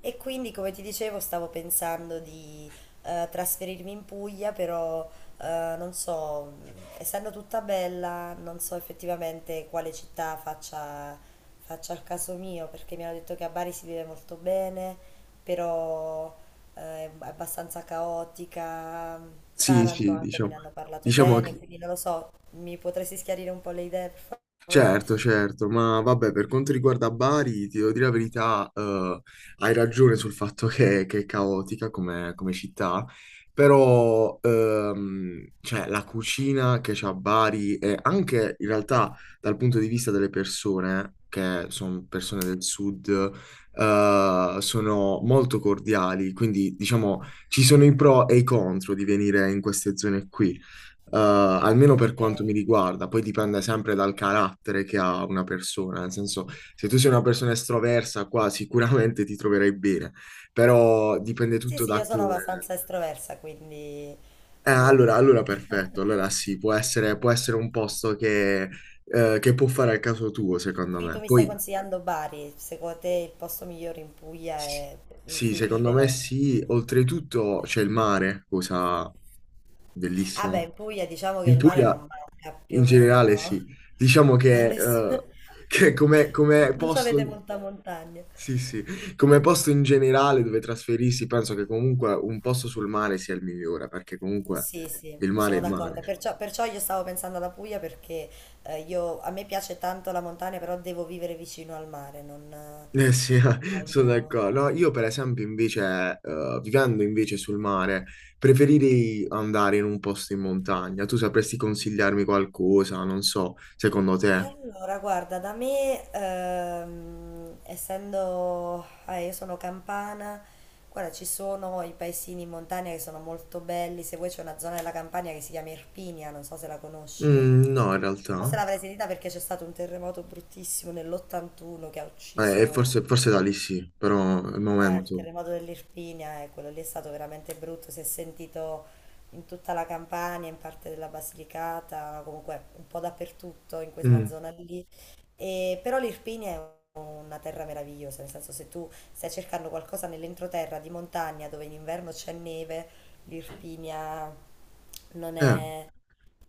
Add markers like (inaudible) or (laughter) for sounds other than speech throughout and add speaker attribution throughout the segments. Speaker 1: E quindi, come ti dicevo, stavo pensando di trasferirmi in Puglia, però non so, essendo tutta bella, non so effettivamente quale città faccia il caso mio, perché mi hanno detto che a Bari si vive molto bene, però è abbastanza caotica.
Speaker 2: Sì,
Speaker 1: Taranto
Speaker 2: sì,
Speaker 1: anche me
Speaker 2: diciamo,
Speaker 1: ne hanno parlato
Speaker 2: diciamo
Speaker 1: bene,
Speaker 2: che
Speaker 1: quindi non lo so, mi potresti schiarire un po' le idee, per favore?
Speaker 2: certo, certo, ma vabbè, per quanto riguarda Bari, ti devo dire la verità, hai ragione sul fatto che, è caotica come città, però cioè, la cucina che c'ha Bari e anche in realtà dal punto di vista delle persone, che sono persone del sud, sono molto cordiali, quindi diciamo ci sono i pro e i contro di venire in queste zone qui. Almeno per
Speaker 1: Ok.
Speaker 2: quanto mi riguarda, poi dipende sempre dal carattere che ha una persona, nel senso, se tu sei una persona estroversa, qua sicuramente ti troverai bene, però dipende
Speaker 1: Sì,
Speaker 2: tutto
Speaker 1: sì,
Speaker 2: da
Speaker 1: io sono
Speaker 2: come.
Speaker 1: abbastanza estroversa, quindi non.
Speaker 2: Allora, perfetto,
Speaker 1: (laughs)
Speaker 2: allora sì, può essere un posto che può fare al caso tuo, secondo
Speaker 1: Qui tu
Speaker 2: me.
Speaker 1: mi stai
Speaker 2: Poi.
Speaker 1: consigliando Bari, secondo te il posto migliore in Puglia
Speaker 2: Sì,
Speaker 1: è in
Speaker 2: sì,
Speaker 1: cui
Speaker 2: secondo me
Speaker 1: vivere?
Speaker 2: sì. Oltretutto c'è il mare, cosa
Speaker 1: Ah
Speaker 2: bellissima.
Speaker 1: beh, in Puglia diciamo che
Speaker 2: In
Speaker 1: il mare non
Speaker 2: Puglia,
Speaker 1: manca più
Speaker 2: in
Speaker 1: o
Speaker 2: generale,
Speaker 1: meno
Speaker 2: sì. Diciamo
Speaker 1: a nessuno. (laughs)
Speaker 2: che come
Speaker 1: Non ci avete
Speaker 2: posto,
Speaker 1: molta montagna.
Speaker 2: sì, sì, come posto in generale dove trasferirsi, penso che comunque un posto sul mare sia il migliore, perché comunque
Speaker 1: Sì, sì,
Speaker 2: il mare è
Speaker 1: sono
Speaker 2: il mare.
Speaker 1: d'accordo. Perciò, perciò io stavo pensando alla Puglia perché a me piace tanto la montagna, però devo vivere vicino al mare, non
Speaker 2: Eh sì, (laughs) sono
Speaker 1: voglio.
Speaker 2: d'accordo. No, io per esempio invece, vivendo invece sul mare, preferirei andare in un posto in montagna. Tu sapresti consigliarmi qualcosa, non so, secondo
Speaker 1: E
Speaker 2: te?
Speaker 1: allora, guarda, da me, essendo, io sono campana, guarda, ci sono i paesini in montagna che sono molto belli, se vuoi c'è una zona della Campania che si chiama Irpinia, non so se la conosci,
Speaker 2: Mm, no, in realtà.
Speaker 1: o se l'avrai sentita perché c'è stato un terremoto bruttissimo nell'81 che ha ucciso
Speaker 2: Forse, forse da lì sì, però al
Speaker 1: il
Speaker 2: momento.
Speaker 1: terremoto dell'Irpinia, quello lì è stato veramente brutto, si è sentito in tutta la Campania, in parte della Basilicata, comunque un po' dappertutto in quella
Speaker 2: Mm,
Speaker 1: zona lì. Però l'Irpinia è una terra meravigliosa, nel senso se tu stai cercando qualcosa nell'entroterra di montagna dove in inverno c'è neve, l'Irpinia non
Speaker 2: eh,
Speaker 1: è,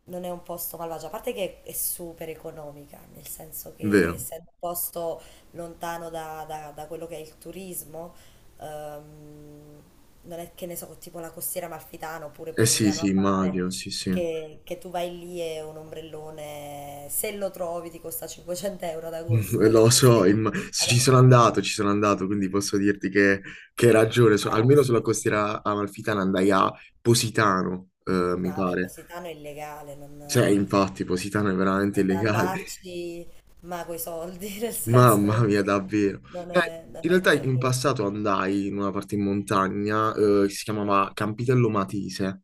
Speaker 1: non è un posto malvagio, a parte che è super economica, nel senso che
Speaker 2: vero.
Speaker 1: essendo un posto lontano da, da quello che è il turismo, ehm, non è che ne so, tipo la costiera amalfitana oppure
Speaker 2: Eh sì,
Speaker 1: Polignano
Speaker 2: sì,
Speaker 1: a
Speaker 2: immagino,
Speaker 1: mare,
Speaker 2: sì, sì.
Speaker 1: che tu vai lì e un ombrellone, se lo trovi, ti costa 500 € ad agosto,
Speaker 2: Mm,
Speaker 1: capito?
Speaker 2: lo
Speaker 1: Tu
Speaker 2: so,
Speaker 1: stai lì.
Speaker 2: ci
Speaker 1: Ad...
Speaker 2: sono andato, quindi posso dirti che, hai ragione,
Speaker 1: Ah no,
Speaker 2: almeno sulla
Speaker 1: sì.
Speaker 2: costiera amalfitana andai a Positano, mi
Speaker 1: Vabbè,
Speaker 2: pare.
Speaker 1: Positano è illegale,
Speaker 2: Cioè,
Speaker 1: non.
Speaker 2: infatti, Positano è veramente
Speaker 1: È da
Speaker 2: illegale,
Speaker 1: andarci, ma coi soldi, (laughs) nel
Speaker 2: (laughs)
Speaker 1: senso
Speaker 2: mamma
Speaker 1: non,
Speaker 2: mia, davvero.
Speaker 1: non
Speaker 2: Eh,
Speaker 1: è, non
Speaker 2: in
Speaker 1: è
Speaker 2: realtà in
Speaker 1: proprio.
Speaker 2: passato andai in una parte in montagna, che si chiamava Campitello Matese,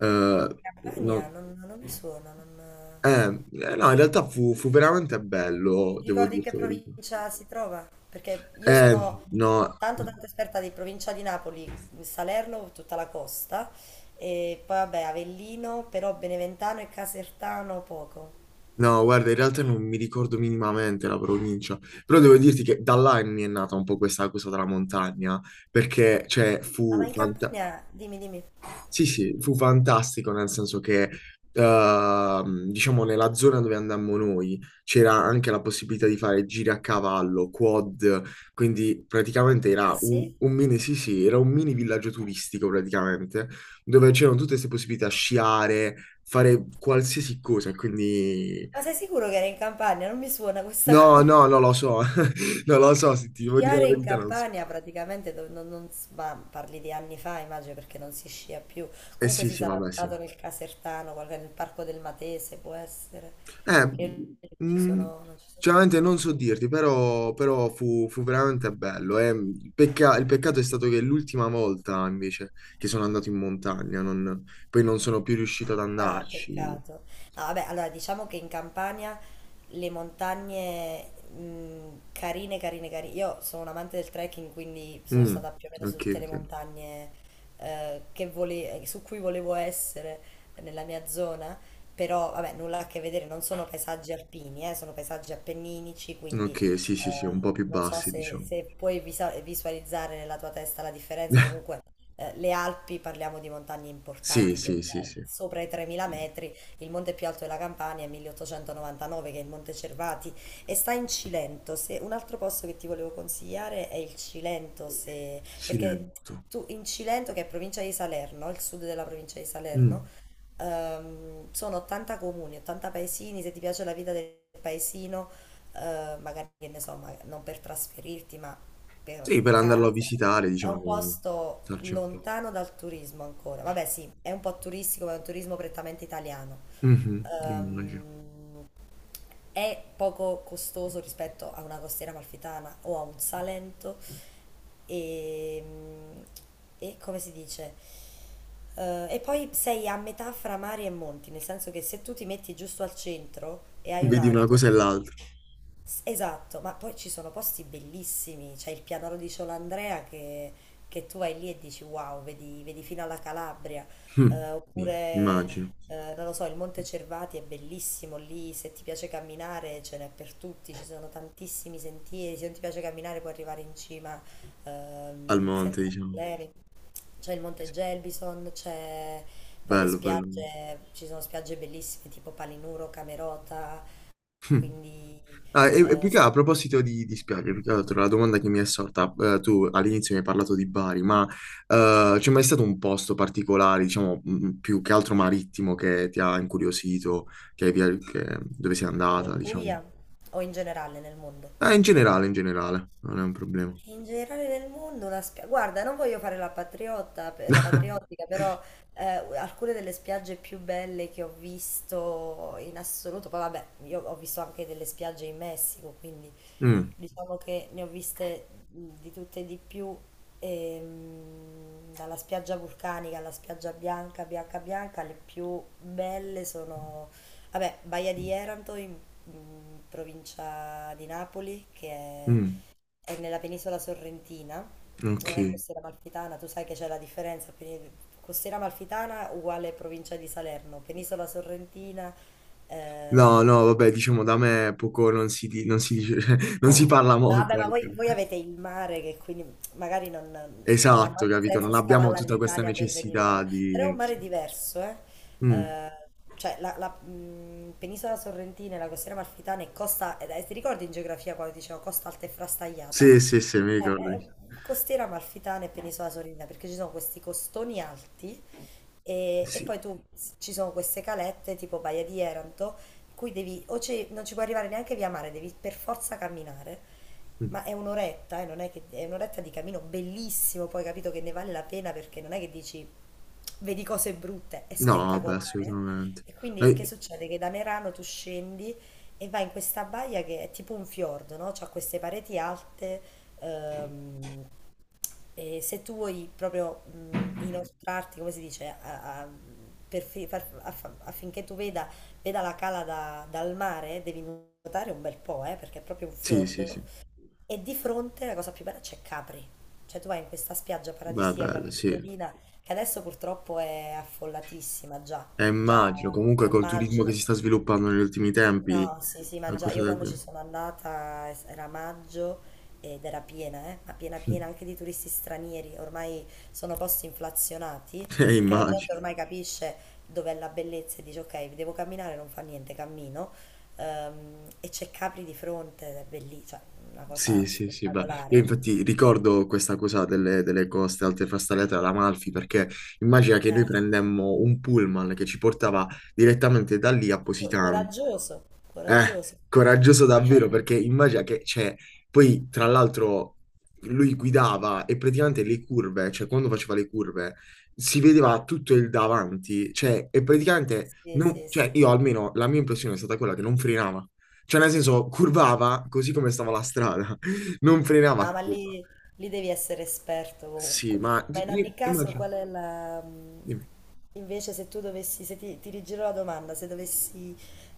Speaker 2: eh,
Speaker 1: In
Speaker 2: no-
Speaker 1: Campania non, non mi suona, non.
Speaker 2: eh, eh, no, in realtà fu veramente bello,
Speaker 1: Ti
Speaker 2: devo
Speaker 1: ricordi in che
Speaker 2: dirti la verità.
Speaker 1: provincia si trova? Perché io
Speaker 2: Eh,
Speaker 1: sono
Speaker 2: no.
Speaker 1: tanto tanto esperta di provincia di Napoli, Salerno, tutta la costa, e poi vabbè Avellino, però Beneventano e Casertano poco.
Speaker 2: No, guarda, in realtà non mi ricordo minimamente la provincia, però devo dirti che da là mi è nata un po' questa cosa della montagna, perché, cioè,
Speaker 1: Ah, ma in Campania, dimmi, dimmi.
Speaker 2: sì, sì, fu fantastico nel senso che, diciamo, nella zona dove andammo noi c'era anche la possibilità di fare giri a cavallo, quad, quindi praticamente
Speaker 1: Ah
Speaker 2: era un,
Speaker 1: sì?
Speaker 2: un mini, sì, sì, era un mini villaggio turistico praticamente, dove c'erano tutte queste possibilità, sciare, fare qualsiasi cosa, e quindi.
Speaker 1: Ma sei sicuro che era in Campania? Non mi suona questa (laughs)
Speaker 2: No,
Speaker 1: cosa.
Speaker 2: no, non lo so, (laughs) non lo so, se ti devo dire la
Speaker 1: Sciare in
Speaker 2: verità, non so.
Speaker 1: Campania praticamente, dove non, ma parli di anni fa, immagino perché non si scia più.
Speaker 2: Eh
Speaker 1: Comunque
Speaker 2: sì,
Speaker 1: si
Speaker 2: sì,
Speaker 1: sarà
Speaker 2: vabbè, sì.
Speaker 1: stato nel Casertano, nel Parco del Matese, può essere,
Speaker 2: Eh,
Speaker 1: che non ci
Speaker 2: mm,
Speaker 1: sono, non ci sono-
Speaker 2: Sinceramente non so dirti, però fu veramente bello. Il peccato è stato che l'ultima volta, invece, che sono andato in montagna, poi non sono più riuscito ad
Speaker 1: Ah,
Speaker 2: andarci.
Speaker 1: peccato. No, vabbè, allora diciamo che in Campania le montagne carine, carine, carine. Io sono un amante del trekking, quindi sono
Speaker 2: Mm,
Speaker 1: stata più o meno su
Speaker 2: ok,
Speaker 1: tutte le
Speaker 2: ok.
Speaker 1: montagne su cui volevo essere nella mia zona, però vabbè, nulla a che vedere, non sono paesaggi alpini, sono paesaggi appenninici, quindi
Speaker 2: Ok, sì, sì, sì, un po' più
Speaker 1: non so
Speaker 2: bassi,
Speaker 1: se,
Speaker 2: diciamo.
Speaker 1: se puoi visualizzare nella tua testa la differenza, comunque le Alpi, parliamo di montagne
Speaker 2: Sì,
Speaker 1: importanti,
Speaker 2: sì, sì, sì.
Speaker 1: sopra i 3.000 metri, il monte più alto della Campania è 1899, che è il Monte Cervati, e sta in Cilento. Se, Un altro posto che ti volevo consigliare è il Cilento, se, perché
Speaker 2: Silento.
Speaker 1: tu in Cilento, che è provincia di Salerno, il sud della provincia di Salerno,
Speaker 2: Mm.
Speaker 1: sono 80 comuni, 80 paesini, se ti piace la vita del paesino, magari che ne so, non per trasferirti, ma per
Speaker 2: Sì, per andarlo a
Speaker 1: vacanze.
Speaker 2: visitare,
Speaker 1: È un
Speaker 2: diciamo,
Speaker 1: posto
Speaker 2: starci un po'.
Speaker 1: lontano dal turismo ancora. Vabbè, sì, è un po' turistico, ma è un turismo prettamente italiano.
Speaker 2: Mhm, immagino.
Speaker 1: Ehm, è poco costoso rispetto a una costiera amalfitana o a un Salento. E, e come si dice? E poi sei a metà fra mari e monti, nel senso che se tu ti metti giusto al centro e hai
Speaker 2: Vedi una
Speaker 1: un'auto.
Speaker 2: cosa e l'altra.
Speaker 1: Esatto, ma poi ci sono posti bellissimi, c'è il pianoro di Ciolandrea che tu vai lì e dici wow, vedi, vedi fino alla Calabria.
Speaker 2: Mm,
Speaker 1: Eh,
Speaker 2: sì,
Speaker 1: oppure
Speaker 2: immagino.
Speaker 1: non lo so, il Monte Cervati è bellissimo lì, se ti piace camminare ce n'è per tutti, ci sono tantissimi sentieri, se non ti piace camminare puoi arrivare in cima
Speaker 2: Al
Speaker 1: senza
Speaker 2: monte, diciamo.
Speaker 1: problemi. C'è il Monte
Speaker 2: Sì,
Speaker 1: Gelbison, c'è poi le
Speaker 2: bello, bello.
Speaker 1: spiagge, ci sono spiagge bellissime tipo Palinuro, Camerota, quindi.
Speaker 2: Ah, e più che a proposito di spiagge, più che altro la domanda che mi è sorta, tu all'inizio mi hai parlato di Bari, ma c'è mai stato un posto particolare, diciamo, più che altro marittimo che ti ha incuriosito, che hai via- che- dove sei andata,
Speaker 1: In
Speaker 2: diciamo?
Speaker 1: Puglia o in generale nel mondo?
Speaker 2: In generale, non è un problema.
Speaker 1: In generale nel mondo la spiaggia, guarda, non voglio fare la patriotta, la
Speaker 2: (laughs)
Speaker 1: patriottica, però alcune delle spiagge più belle che ho visto in assoluto, poi vabbè, io ho visto anche delle spiagge in Messico, quindi
Speaker 2: Mm,
Speaker 1: diciamo che ne ho viste di tutte e di più, dalla spiaggia vulcanica alla spiaggia bianca, bianca, bianca, le più belle sono, vabbè, Baia di Eranto in provincia di Napoli, che è
Speaker 2: mm,
Speaker 1: è nella penisola sorrentina, non
Speaker 2: ok.
Speaker 1: è costiera amalfitana, tu sai che c'è la differenza, costiera amalfitana uguale provincia di Salerno, penisola sorrentina,
Speaker 2: No,
Speaker 1: ehm,
Speaker 2: no, vabbè, diciamo da me poco, non si dice, (laughs) cioè, non si parla
Speaker 1: no,
Speaker 2: molto,
Speaker 1: vabbè, ma voi,
Speaker 2: ecco.
Speaker 1: voi avete il mare che quindi magari non, non ha
Speaker 2: Esatto,
Speaker 1: molto
Speaker 2: capito?
Speaker 1: senso
Speaker 2: Non abbiamo
Speaker 1: scavallare
Speaker 2: tutta questa
Speaker 1: l'Italia per venire da
Speaker 2: necessità
Speaker 1: noi, però è
Speaker 2: di,
Speaker 1: un
Speaker 2: sì.
Speaker 1: mare diverso, eh?
Speaker 2: Mm.
Speaker 1: Cioè la, penisola sorrentina e la costiera amalfitana è costa, ti ricordi in geografia quando dicevo costa alta e
Speaker 2: Sì,
Speaker 1: frastagliata?
Speaker 2: sì, sì, mi
Speaker 1: Eh,
Speaker 2: ricordo.
Speaker 1: beh, costiera amalfitana e penisola sorina perché ci sono questi costoni alti e
Speaker 2: Sì.
Speaker 1: poi tu ci sono queste calette tipo Baia di Eranto in cui devi non ci puoi arrivare neanche via mare, devi per forza camminare
Speaker 2: Mm.
Speaker 1: ma è un'oretta, non è che è un'oretta di cammino bellissimo, poi capito che ne vale la pena perché non è che dici vedi cose brutte, è
Speaker 2: No, vabbè,
Speaker 1: spettacolare.
Speaker 2: assolutamente.
Speaker 1: E quindi che
Speaker 2: Eh,
Speaker 1: succede? Che da Merano tu scendi e vai in questa baia che è tipo un fiordo, no? C'ha queste pareti alte, ehm, e se tu vuoi proprio inoltrarti, come si dice, a- a- per fi- far- aff- affinché tu veda, la cala dal mare, devi nuotare un bel po', perché è proprio un
Speaker 2: sì, sì,
Speaker 1: fiordo.
Speaker 2: sì.
Speaker 1: E di fronte la cosa più bella c'è Capri. Cioè tu vai in questa spiaggia
Speaker 2: Beh,
Speaker 1: paradisiaca
Speaker 2: bello, sì.
Speaker 1: piccolina che adesso purtroppo è affollatissima già,
Speaker 2: E
Speaker 1: già
Speaker 2: immagino, comunque
Speaker 1: a
Speaker 2: col turismo che
Speaker 1: maggio.
Speaker 2: si sta sviluppando negli ultimi tempi,
Speaker 1: No, sì, sì, ma
Speaker 2: una
Speaker 1: già
Speaker 2: cosa
Speaker 1: io
Speaker 2: da.
Speaker 1: quando ci sono andata era maggio ed era piena, ma piena piena
Speaker 2: (laughs)
Speaker 1: anche di turisti stranieri, ormai sono posti inflazionati perché la
Speaker 2: Immagino.
Speaker 1: gente ormai capisce dov'è la bellezza e dice ok, devo camminare, non fa niente, cammino. E c'è Capri di fronte, ed è bellissimo, una cosa
Speaker 2: Sì, sì, sì, beh, io
Speaker 1: spettacolare.
Speaker 2: infatti ricordo questa cosa delle coste alte frastagliate all'Amalfi perché immagina che noi
Speaker 1: Sì.
Speaker 2: prendemmo un pullman che ci portava direttamente da lì a Positano.
Speaker 1: Coraggioso,
Speaker 2: Eh,
Speaker 1: coraggioso.
Speaker 2: coraggioso davvero perché
Speaker 1: (laughs)
Speaker 2: immagina che, cioè, poi tra l'altro lui guidava e praticamente le curve, cioè quando faceva le curve, si vedeva tutto il davanti, cioè, e praticamente,
Speaker 1: Sì, sì,
Speaker 2: cioè,
Speaker 1: sì.
Speaker 2: io almeno la mia impressione è stata quella che non frenava. Cioè, nel senso, curvava così come stava la strada, (laughs) non frenava
Speaker 1: No,
Speaker 2: a
Speaker 1: ma
Speaker 2: curva.
Speaker 1: lì devi essere esperto
Speaker 2: Sì,
Speaker 1: comunque.
Speaker 2: ma
Speaker 1: Ma in ogni caso,
Speaker 2: immagino.
Speaker 1: qual è la.
Speaker 2: Dimmi.
Speaker 1: Invece se tu dovessi, se ti rigiro la domanda, se dovessi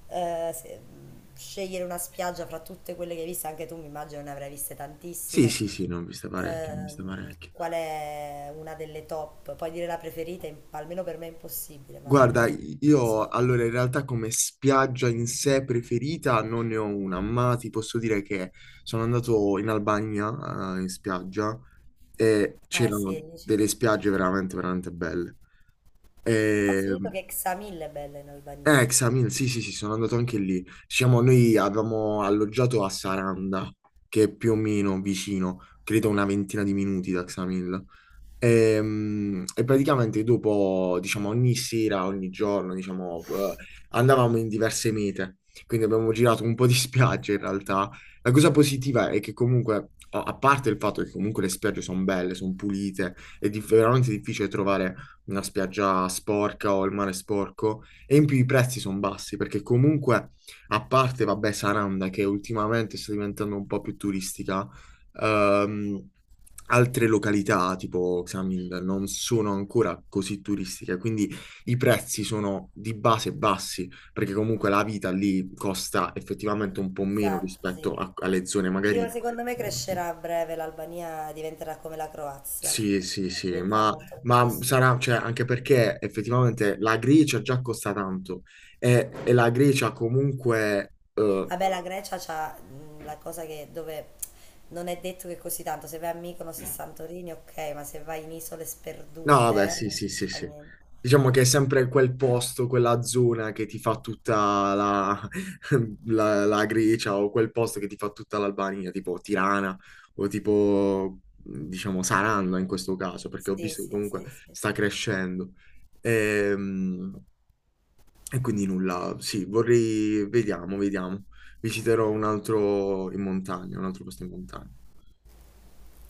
Speaker 1: scegliere una spiaggia fra tutte quelle che hai visto, anche tu mi immagino ne avrai viste
Speaker 2: Sì,
Speaker 1: tantissime,
Speaker 2: sì, sì, ne ho viste parecchie, ne ho viste parecchie.
Speaker 1: qual è una delle top? Puoi dire la preferita, almeno per me è impossibile, ma
Speaker 2: Guarda,
Speaker 1: lo
Speaker 2: io
Speaker 1: so.
Speaker 2: allora in realtà come spiaggia in sé preferita non ne ho una, ma ti posso dire che sono andato in Albania, in spiaggia, e
Speaker 1: Eh sì,
Speaker 2: c'erano
Speaker 1: lì c'è
Speaker 2: delle
Speaker 1: c'è
Speaker 2: spiagge veramente, veramente belle. E,
Speaker 1: scritto che Xamil è bella in Albania.
Speaker 2: Xamil, sì, sì, sì, sono andato anche lì. Diciamo, noi avevamo alloggiato a Saranda, che è più o meno vicino, credo una ventina di minuti da Xamil. E, praticamente dopo, diciamo, ogni sera, ogni giorno, diciamo, andavamo in diverse mete, quindi abbiamo girato un po' di (laughs) spiagge in realtà. La cosa positiva è che comunque, a parte il fatto che comunque le spiagge sono belle, sono pulite, è veramente difficile trovare una spiaggia sporca o il mare sporco, e in più i prezzi sono bassi, perché comunque, a parte, vabbè, Saranda, che ultimamente sta diventando un po' più turistica, Ehm, altre località tipo Xamil non sono ancora così turistiche, quindi i prezzi sono di base bassi, perché comunque la vita lì costa effettivamente un po' meno
Speaker 1: Esatto,
Speaker 2: rispetto
Speaker 1: sì.
Speaker 2: alle zone
Speaker 1: Sì, ma
Speaker 2: magari.
Speaker 1: secondo me crescerà a breve, l'Albania diventerà come la Croazia,
Speaker 2: Sì, sì, sì,
Speaker 1: diventerà
Speaker 2: ma,
Speaker 1: molto molto
Speaker 2: ma
Speaker 1: costosa.
Speaker 2: sarà, cioè, anche perché effettivamente la Grecia già costa tanto e la Grecia comunque.
Speaker 1: Vabbè, la Grecia c'ha la cosa che dove non è detto che così tanto, se vai a Mykonos e Santorini, ok, ma se vai in isole
Speaker 2: No, vabbè,
Speaker 1: sperdute,
Speaker 2: sì,
Speaker 1: non
Speaker 2: sì, sì,
Speaker 1: fa
Speaker 2: sì.
Speaker 1: niente.
Speaker 2: Diciamo che è sempre quel posto, quella zona che ti fa tutta (laughs) la Grecia o quel posto che ti fa tutta l'Albania, tipo Tirana o tipo, diciamo, Saranno in questo caso, perché ho
Speaker 1: Sì,
Speaker 2: visto che
Speaker 1: sì,
Speaker 2: comunque
Speaker 1: sì, sì.
Speaker 2: sta crescendo. Ehm, E, quindi nulla, sì, vorrei, vediamo, vediamo. Visiterò un altro in montagna, un altro posto in montagna.